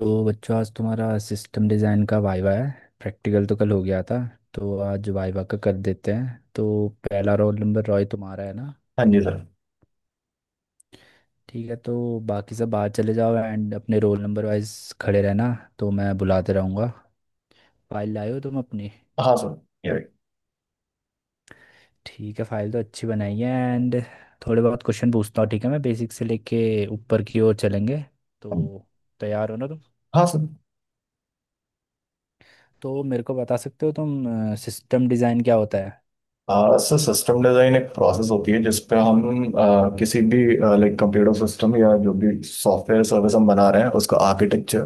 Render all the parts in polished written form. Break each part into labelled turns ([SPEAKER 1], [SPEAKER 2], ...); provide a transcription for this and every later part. [SPEAKER 1] तो बच्चों आज तुम्हारा सिस्टम डिज़ाइन का वाइवा है। प्रैक्टिकल तो कल हो गया था। तो आज वाइवा का कर देते हैं। तो पहला रोल नंबर रॉय तुम्हारा है ना।
[SPEAKER 2] हाँ जी सर।
[SPEAKER 1] ठीक है। तो बाकी सब बाहर चले जाओ एंड अपने रोल नंबर वाइज खड़े रहना। तो मैं बुलाते रहूँगा। फाइल लाए हो तुम अपनी।
[SPEAKER 2] हाँ सर, ये रही।
[SPEAKER 1] ठीक है, फाइल तो अच्छी बनाई है। एंड थोड़े बहुत क्वेश्चन पूछता हूँ, ठीक है। मैं बेसिक से लेके ऊपर की ओर चलेंगे।
[SPEAKER 2] हम-
[SPEAKER 1] तो तैयार हो ना तुम।
[SPEAKER 2] हाँ सर।
[SPEAKER 1] तो मेरे को बता सकते हो तुम, सिस्टम डिज़ाइन क्या होता
[SPEAKER 2] सर सिस्टम डिजाइन एक प्रोसेस होती है जिसपे
[SPEAKER 1] है।
[SPEAKER 2] हम किसी भी कंप्यूटर सिस्टम या जो भी सॉफ्टवेयर सर्विस हम बना रहे हैं उसका आर्किटेक्चर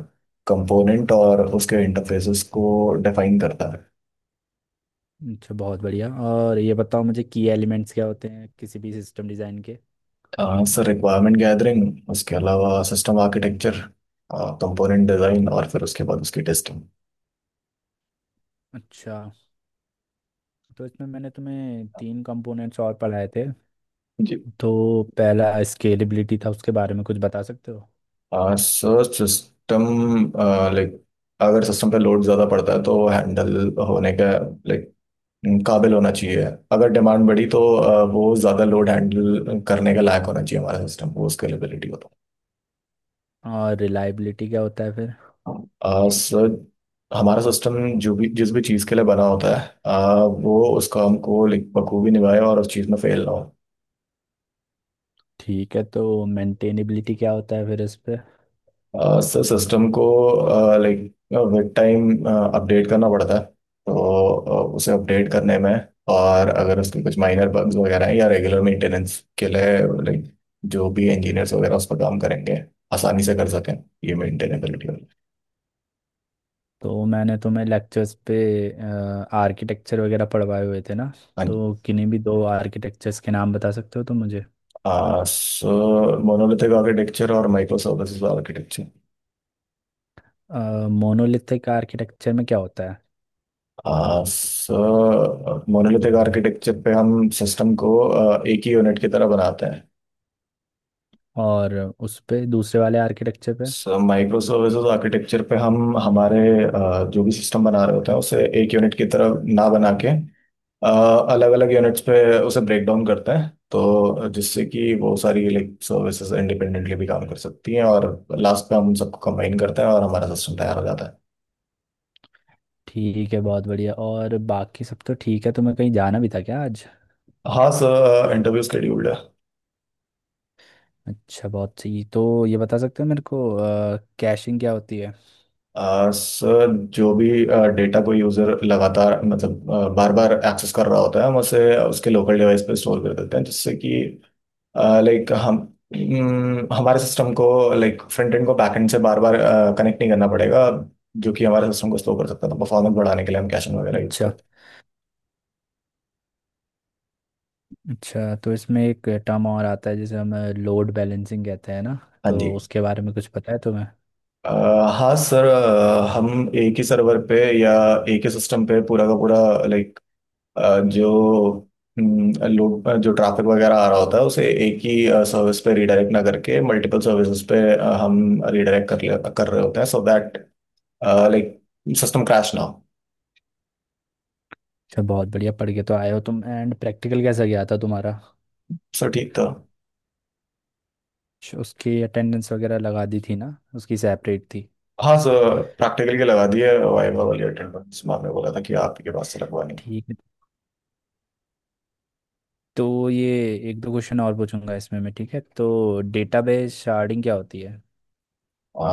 [SPEAKER 2] कंपोनेंट और उसके इंटरफेसेस को डिफाइन करता है।
[SPEAKER 1] अच्छा, बहुत बढ़िया। और ये बताओ मुझे की एलिमेंट्स क्या होते हैं किसी भी सिस्टम डिज़ाइन के।
[SPEAKER 2] सर रिक्वायरमेंट गैदरिंग, उसके अलावा सिस्टम आर्किटेक्चर, कंपोनेंट डिजाइन और फिर उसके बाद उसकी टेस्टिंग।
[SPEAKER 1] अच्छा, तो इसमें मैंने तुम्हें तीन कंपोनेंट्स और पढ़ाए थे।
[SPEAKER 2] जी।
[SPEAKER 1] तो पहला स्केलेबिलिटी था, उसके बारे में कुछ बता सकते हो।
[SPEAKER 2] सर सिस्टम, लाइक अगर सिस्टम पे लोड ज़्यादा पड़ता है तो हैंडल होने का लाइक काबिल होना चाहिए। अगर डिमांड बढ़ी तो वो ज़्यादा लोड हैंडल करने का लायक होना चाहिए हमारा सिस्टम, वो स्केलेबिलिटी हो तो।
[SPEAKER 1] और रिलायबिलिटी क्या होता है फिर।
[SPEAKER 2] अ, सर, हमारा सिस्टम जो भी जिस भी चीज़ के लिए बना होता है, वो उसका हमको बखूबी निभाए और उस चीज़ में फेल ना हो।
[SPEAKER 1] ठीक है, तो मेंटेनेबिलिटी क्या होता है फिर इस पे।
[SPEAKER 2] सिस्टम को लाइक विद टाइम अपडेट करना पड़ता है, तो उसे अपडेट करने में और अगर उसके कुछ माइनर बग्स वगैरह हैं या रेगुलर मेंटेनेंस के लिए लाइक जो भी इंजीनियर्स वगैरह उस पर काम करेंगे आसानी से कर सकें, ये मेंटेनेबिलिटी वाला।
[SPEAKER 1] तो मैंने तुम्हें लेक्चर्स पे आर्किटेक्चर वगैरह पढ़वाए हुए थे ना।
[SPEAKER 2] हाँ
[SPEAKER 1] तो
[SPEAKER 2] जी।
[SPEAKER 1] किन्हीं भी दो आर्किटेक्चर्स के नाम बता सकते हो तो मुझे।
[SPEAKER 2] सो मोनोलिथिक आर्किटेक्चर और micro services architecture.
[SPEAKER 1] Monolithic architecture में क्या होता है।
[SPEAKER 2] सो मोनोलिथिक आर्किटेक्चर पे हम सिस्टम को एक ही यूनिट की तरह बनाते हैं।
[SPEAKER 1] और उस पे दूसरे वाले आर्किटेक्चर पे।
[SPEAKER 2] माइक्रो सर्विसेज आर्किटेक्चर पे हम हमारे जो भी सिस्टम बना रहे होते हैं उसे एक यूनिट की तरह ना बना के अलग अलग यूनिट्स पे उसे ब्रेक डाउन करते हैं, तो जिससे कि वो सारी सर्विसेज इंडिपेंडेंटली भी काम कर सकती हैं और लास्ट पे हम उन सबको कंबाइन करते हैं और हमारा सिस्टम तैयार हो जाता है।
[SPEAKER 1] ठीक है, बहुत बढ़िया। और बाकी सब तो ठीक है, तुम्हें कहीं जाना भी था क्या आज।
[SPEAKER 2] हाँ सर, इंटरव्यू स्केड्यूल्ड है।
[SPEAKER 1] अच्छा, बहुत सही। तो ये बता सकते हो मेरे को, कैशिंग क्या होती है।
[SPEAKER 2] सर जो भी डेटा कोई यूजर लगातार मतलब बार बार एक्सेस कर रहा होता है हम उसे उसके लोकल डिवाइस पे स्टोर कर देते हैं, जिससे कि लाइक हम हमारे सिस्टम को फ्रंट एंड को बैक एंड से बार बार कनेक्ट नहीं करना पड़ेगा, जो कि हमारे सिस्टम को स्लो कर सकता है, तो परफॉर्मेंस बढ़ाने के लिए हम कैशन वगैरह यूज़
[SPEAKER 1] अच्छा।
[SPEAKER 2] करते
[SPEAKER 1] अच्छा, तो इसमें एक टर्म और आता है जिसे हम लोड बैलेंसिंग कहते हैं ना।
[SPEAKER 2] हैं। हाँ
[SPEAKER 1] तो
[SPEAKER 2] जी।
[SPEAKER 1] उसके बारे में कुछ पता है तुम्हें।
[SPEAKER 2] अ, हाँ सर, हम एक ही सर्वर पे या एक ही सिस्टम पे पूरा का पूरा लाइक जो लोग, जो ट्रैफिक वगैरह आ रहा होता है उसे एक ही सर्विस पे रिडायरेक्ट ना करके मल्टीपल सर्विसेज पे हम कर रहे होते हैं so that like system crash ना हो।
[SPEAKER 1] अच्छा, बहुत बढ़िया पढ़ के तो आए हो तुम। एंड प्रैक्टिकल कैसा गया था तुम्हारा।
[SPEAKER 2] सर ठीक था।
[SPEAKER 1] उसकी अटेंडेंस वगैरह लगा दी थी ना, उसकी सेपरेट थी।
[SPEAKER 2] हाँ सर, प्रैक्टिकल के लगा दिए, वाइवा वाली अटेंडेंस मैम ने बोला था कि आप ही के पास से लगवानी है।
[SPEAKER 1] ठीक है। तो ये एक दो क्वेश्चन और पूछूंगा इसमें मैं, ठीक है। तो डेटाबेस शार्डिंग क्या होती है।
[SPEAKER 2] आ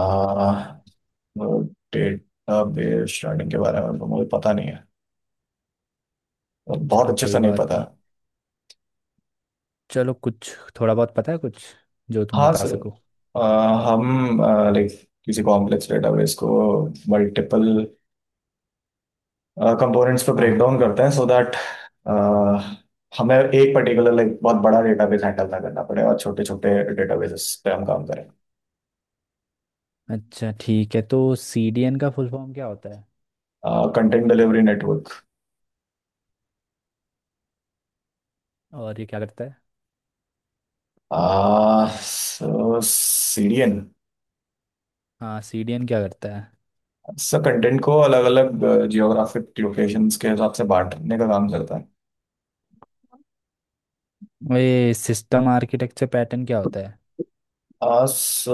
[SPEAKER 2] डेटा बेस स्टार्टिंग के बारे में तो मुझे पता नहीं है, बहुत
[SPEAKER 1] चलो,
[SPEAKER 2] अच्छे से
[SPEAKER 1] कोई
[SPEAKER 2] नहीं
[SPEAKER 1] बात
[SPEAKER 2] पता
[SPEAKER 1] नहीं।
[SPEAKER 2] है।
[SPEAKER 1] चलो, कुछ थोड़ा बहुत पता है कुछ जो तुम
[SPEAKER 2] हाँ
[SPEAKER 1] बता
[SPEAKER 2] सर,
[SPEAKER 1] सको।
[SPEAKER 2] हम लाइक किसी कॉम्प्लेक्स डेटाबेस को मल्टीपल कंपोनेंट्स पर
[SPEAKER 1] हाँ
[SPEAKER 2] ब्रेक
[SPEAKER 1] हाँ।
[SPEAKER 2] डाउन करते हैं सो दैट हमें एक पर्टिकुलर बहुत बड़ा डेटाबेस हैंडल ना करना पड़े और छोटे छोटे डेटाबेसेस पे हम काम करें।
[SPEAKER 1] अच्छा, ठीक है। तो सीडीएन का फुल फॉर्म क्या होता है।
[SPEAKER 2] Content delivery network.
[SPEAKER 1] और ये क्या करता है।
[SPEAKER 2] आ, सो सीरियन,
[SPEAKER 1] हाँ, सीडीएन क्या करता है।
[SPEAKER 2] सब कंटेंट को अलग अलग जियोग्राफिक लोकेशंस के हिसाब से बांटने का काम करता है।
[SPEAKER 1] ये सिस्टम आर्किटेक्चर पैटर्न क्या होता है।
[SPEAKER 2] आ, सो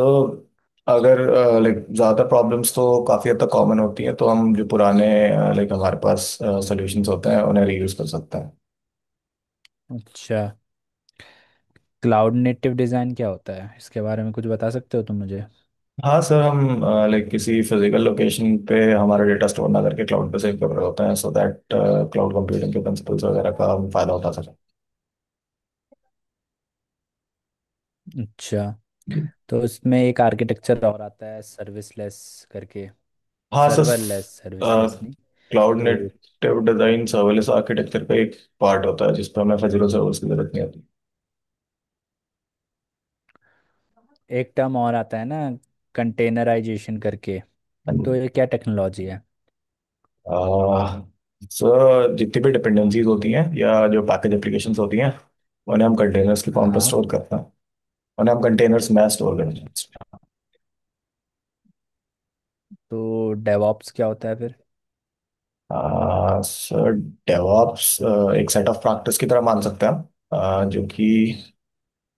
[SPEAKER 2] अगर ज़्यादा प्रॉब्लम्स तो काफ़ी हद तक कॉमन होती हैं तो हम जो पुराने हमारे पास सॉल्यूशंस होते हैं उन्हें रीयूज कर सकते हैं।
[SPEAKER 1] अच्छा, क्लाउड नेटिव डिज़ाइन क्या होता है, इसके बारे में कुछ बता सकते हो तुम मुझे।
[SPEAKER 2] हाँ सर, हम किसी फिजिकल लोकेशन पे हमारा डेटा स्टोर ना करके क्लाउड पे सेव कर रहे होते हैं सो दैट क्लाउड कंप्यूटिंग के प्रिंसिपल्स वगैरह का हम फायदा उठा सकें।
[SPEAKER 1] अच्छा, तो इसमें एक आर्किटेक्चर और आता है, सर्विसलेस करके।
[SPEAKER 2] हाँ सर।
[SPEAKER 1] सर्वरलेस, सर्विसलेस नहीं।
[SPEAKER 2] क्लाउड
[SPEAKER 1] तो
[SPEAKER 2] नेटिव डिजाइन सर्वलेस
[SPEAKER 1] उस-
[SPEAKER 2] आर्किटेक्चर का एक पार्ट होता है जिसपे हमें फिजिकल सर्वर्स की जरूरत नहीं होती।
[SPEAKER 1] एक टर्म और आता है ना, कंटेनराइजेशन करके।
[SPEAKER 2] हाँ
[SPEAKER 1] तो
[SPEAKER 2] जी।
[SPEAKER 1] ये क्या टेक्नोलॉजी है।
[SPEAKER 2] अह, सर जितनी भी डिपेंडेंसीज होती हैं या जो पैकेज एप्लीकेशंस होती हैं, उन्हें हम कंटेनर्स के फॉर्म पर
[SPEAKER 1] हाँ।
[SPEAKER 2] स्टोर करते हैं। उन्हें हम कंटेनर्स में स्टोर करते हैं।
[SPEAKER 1] तो डेवॉप्स क्या होता है फिर।
[SPEAKER 2] सर डेवऑप्स एक सेट ऑफ प्रैक्टिस की तरह मान सकते हैं हम, जो कि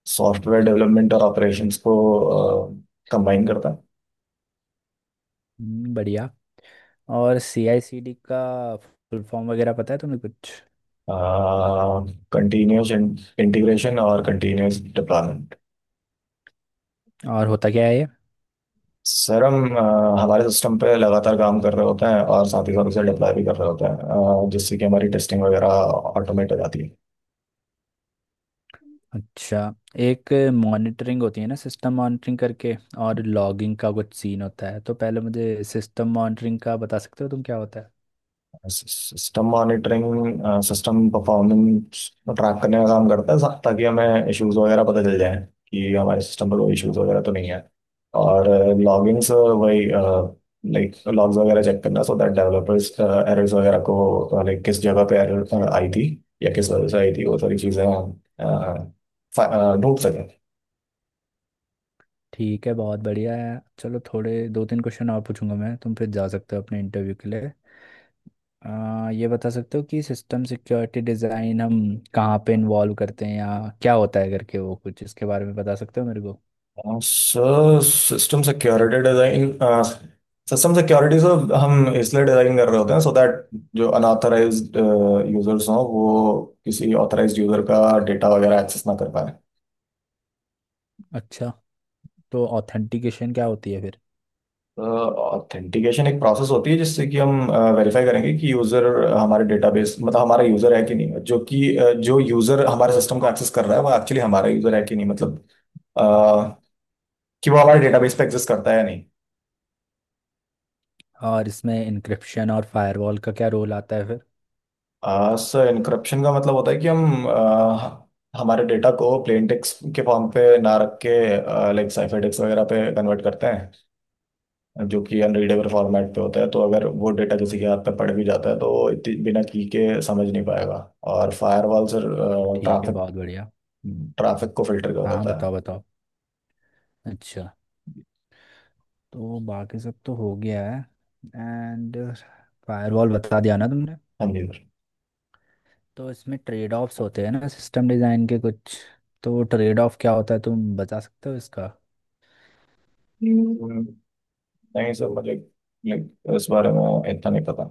[SPEAKER 2] सॉफ्टवेयर डेवलपमेंट और ऑपरेशंस को कंबाइन करता है।
[SPEAKER 1] बढ़िया। और सी आई सी डी का फुल फॉर्म वगैरह पता है तुम्हें कुछ।
[SPEAKER 2] कंटिन्यूस इंटीग्रेशन और कंटिन्यूस डिप्लॉयमेंट।
[SPEAKER 1] और होता क्या है ये।
[SPEAKER 2] सर हम हमारे सिस्टम पे लगातार काम कर रहे होते हैं और साथ ही साथ उसे डिप्लॉय भी कर रहे होते हैं, जिससे कि हमारी टेस्टिंग वगैरह ऑटोमेट हो जाती है।
[SPEAKER 1] अच्छा, एक मॉनिटरिंग होती है ना, सिस्टम मॉनिटरिंग करके। और लॉगिंग का कुछ सीन होता है। तो पहले मुझे सिस्टम मॉनिटरिंग का बता सकते हो तुम, क्या होता है।
[SPEAKER 2] System monitoring system performance track करने का काम करता है, ताकि हमें इश्यूज वगैरह पता चल जाए कि हमारे सिस्टम पर कोई इश्यूज वगैरह तो नहीं है। और लॉगिंग्स वही लॉग्स वगैरह चेक करना सो दैट डेवलपर्स एरर्स वगैरह को किस जगह पे एरर आई थी या किस वजह से आई थी वो सारी चीज़ें हम, ढूंढ सकें।
[SPEAKER 1] ठीक है, बहुत बढ़िया है। चलो, थोड़े दो तीन क्वेश्चन और पूछूंगा मैं, तुम फिर जा सकते हो अपने इंटरव्यू के लिए। ये बता सकते हो कि सिस्टम सिक्योरिटी डिज़ाइन हम कहाँ पे इन्वॉल्व करते हैं, या क्या होता है करके, वो कुछ इसके बारे में बता सकते हो मेरे को।
[SPEAKER 2] हाँ, sir system security design, system security sir हम इसलिए डिजाइन कर रहे होते हैं सो दैट जो अनऑथराइज्ड यूजर्स हों वो किसी ऑथराइज्ड यूजर का डेटा वगैरह एक्सेस ना कर पाए।
[SPEAKER 1] अच्छा, तो ऑथेंटिकेशन क्या होती है फिर।
[SPEAKER 2] ऑथेंटिकेशन एक प्रोसेस होती है जिससे कि हम वेरीफाई करेंगे कि यूजर हमारे डेटाबेस, मतलब हमारा यूजर है कि नहीं, जो कि जो यूजर हमारे सिस्टम को एक्सेस कर रहा है वो एक्चुअली हमारा यूजर है कि नहीं, मतलब अ, कि वो हमारे डेटाबेस पे एक्सेस करता है या नहीं।
[SPEAKER 1] और इसमें इंक्रिप्शन और फायरवॉल का क्या रोल आता है फिर।
[SPEAKER 2] सर इनक्रप्शन का मतलब होता है कि हम हमारे डेटा को प्लेन टेक्स्ट के फॉर्म पे ना रख के साइफर टेक्स्ट वगैरह पे कन्वर्ट करते हैं जो कि अनरीडेबल फॉर्मेट पे होता है, तो अगर वो डेटा किसी के हाथ पे पड़ भी जाता है तो वो बिना की के समझ नहीं पाएगा। और फायरवॉल सर
[SPEAKER 1] ठीक है,
[SPEAKER 2] ट्रैफिक
[SPEAKER 1] बहुत बढ़िया।
[SPEAKER 2] ट्रैफिक को फिल्टर कर
[SPEAKER 1] हाँ हाँ,
[SPEAKER 2] देता है।
[SPEAKER 1] बताओ बताओ। अच्छा, तो बाकी सब तो हो गया है। एंड फायरवॉल बता दिया ना तुमने।
[SPEAKER 2] हाँ जी सर।
[SPEAKER 1] तो इसमें ट्रेड ऑफ्स होते हैं ना सिस्टम डिज़ाइन के कुछ। तो ट्रेड ऑफ क्या होता है तुम बता सकते हो इसका।
[SPEAKER 2] हम्म, नहीं सर मुझे लाइक इस बारे में इतना नहीं पता।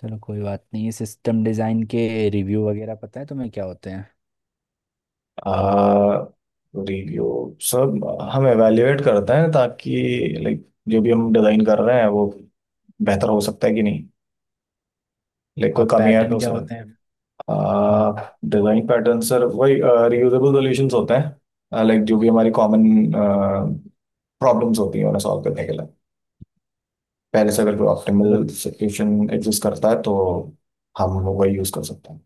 [SPEAKER 1] चलो, कोई बात नहीं। सिस्टम डिज़ाइन के रिव्यू वगैरह पता है तुम्हें क्या होते हैं।
[SPEAKER 2] आ, रिव्यू सब हम एवेल्युएट करते हैं ताकि जो भी हम डिजाइन कर रहे हैं वो बेहतर हो सकता है कि नहीं, कोई
[SPEAKER 1] और
[SPEAKER 2] कमी है
[SPEAKER 1] पैटर्न
[SPEAKER 2] तो
[SPEAKER 1] क्या
[SPEAKER 2] सर।
[SPEAKER 1] होते हैं। हम्म,
[SPEAKER 2] डिजाइन पैटर्न सर वही रियूजेबल सॉल्यूशंस होते हैं जो भी हमारी कॉमन प्रॉब्लम्स होती हैं उन्हें सॉल्व करने के लिए पहले से अगर कोई
[SPEAKER 1] चलो,
[SPEAKER 2] ऑप्टिमल सॉल्यूशन एग्जिस्ट करता है तो हम वही यूज कर सकते हैं।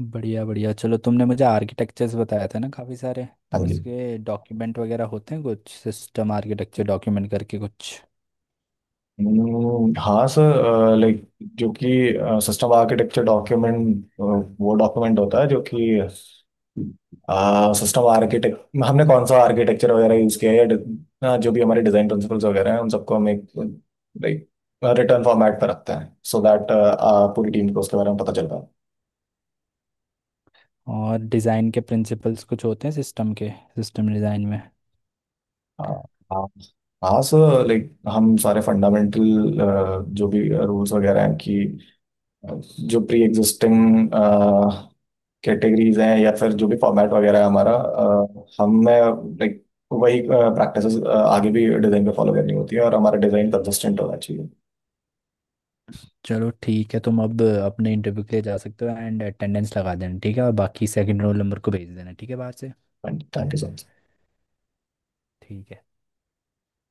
[SPEAKER 1] बढ़िया बढ़िया। चलो, तुमने मुझे आर्किटेक्चर्स बताया था ना काफ़ी सारे।
[SPEAKER 2] हाँ
[SPEAKER 1] तो
[SPEAKER 2] जी।
[SPEAKER 1] इसके डॉक्यूमेंट वगैरह होते हैं कुछ, सिस्टम आर्किटेक्चर डॉक्यूमेंट करके कुछ।
[SPEAKER 2] हाँ सर लाइक जो कि सिस्टम आर्किटेक्चर डॉक्यूमेंट वो डॉक्यूमेंट होता है जो कि सिस्टम आर्किटेक्ट, हमने कौन सा आर्किटेक्चर वगैरह यूज़ किया है या जो भी हमारे डिज़ाइन प्रिंसिपल्स वगैरह हैं उन सबको हम एक रिटर्न फॉर्मेट पर रखते हैं सो दैट पूरी टीम को उसके बारे में पता चल पाए।
[SPEAKER 1] और डिज़ाइन के प्रिंसिपल्स कुछ होते हैं सिस्टम के, सिस्टम डिज़ाइन में।
[SPEAKER 2] हाँ हाँ हाँ सर हम सारे फंडामेंटल जो भी रूल्स वगैरह हैं कि जो प्री एग्जिस्टिंग कैटेगरीज हैं या फिर जो भी फॉर्मेट वगैरह है हमारा, हमें लाइक वही प्रैक्टिसेस आगे भी डिजाइन पे फॉलो करनी होती है और हमारा डिजाइन कंसिस्टेंट होना चाहिए।
[SPEAKER 1] चलो ठीक है, तुम अब अपने इंटरव्यू के लिए जा सकते हो। एंड अटेंडेंस लगा देना, ठीक है। और बाकी सेकंड रोल नंबर को भेज देना, ठीक है, बाहर से।
[SPEAKER 2] Thank you sir.
[SPEAKER 1] ठीक है।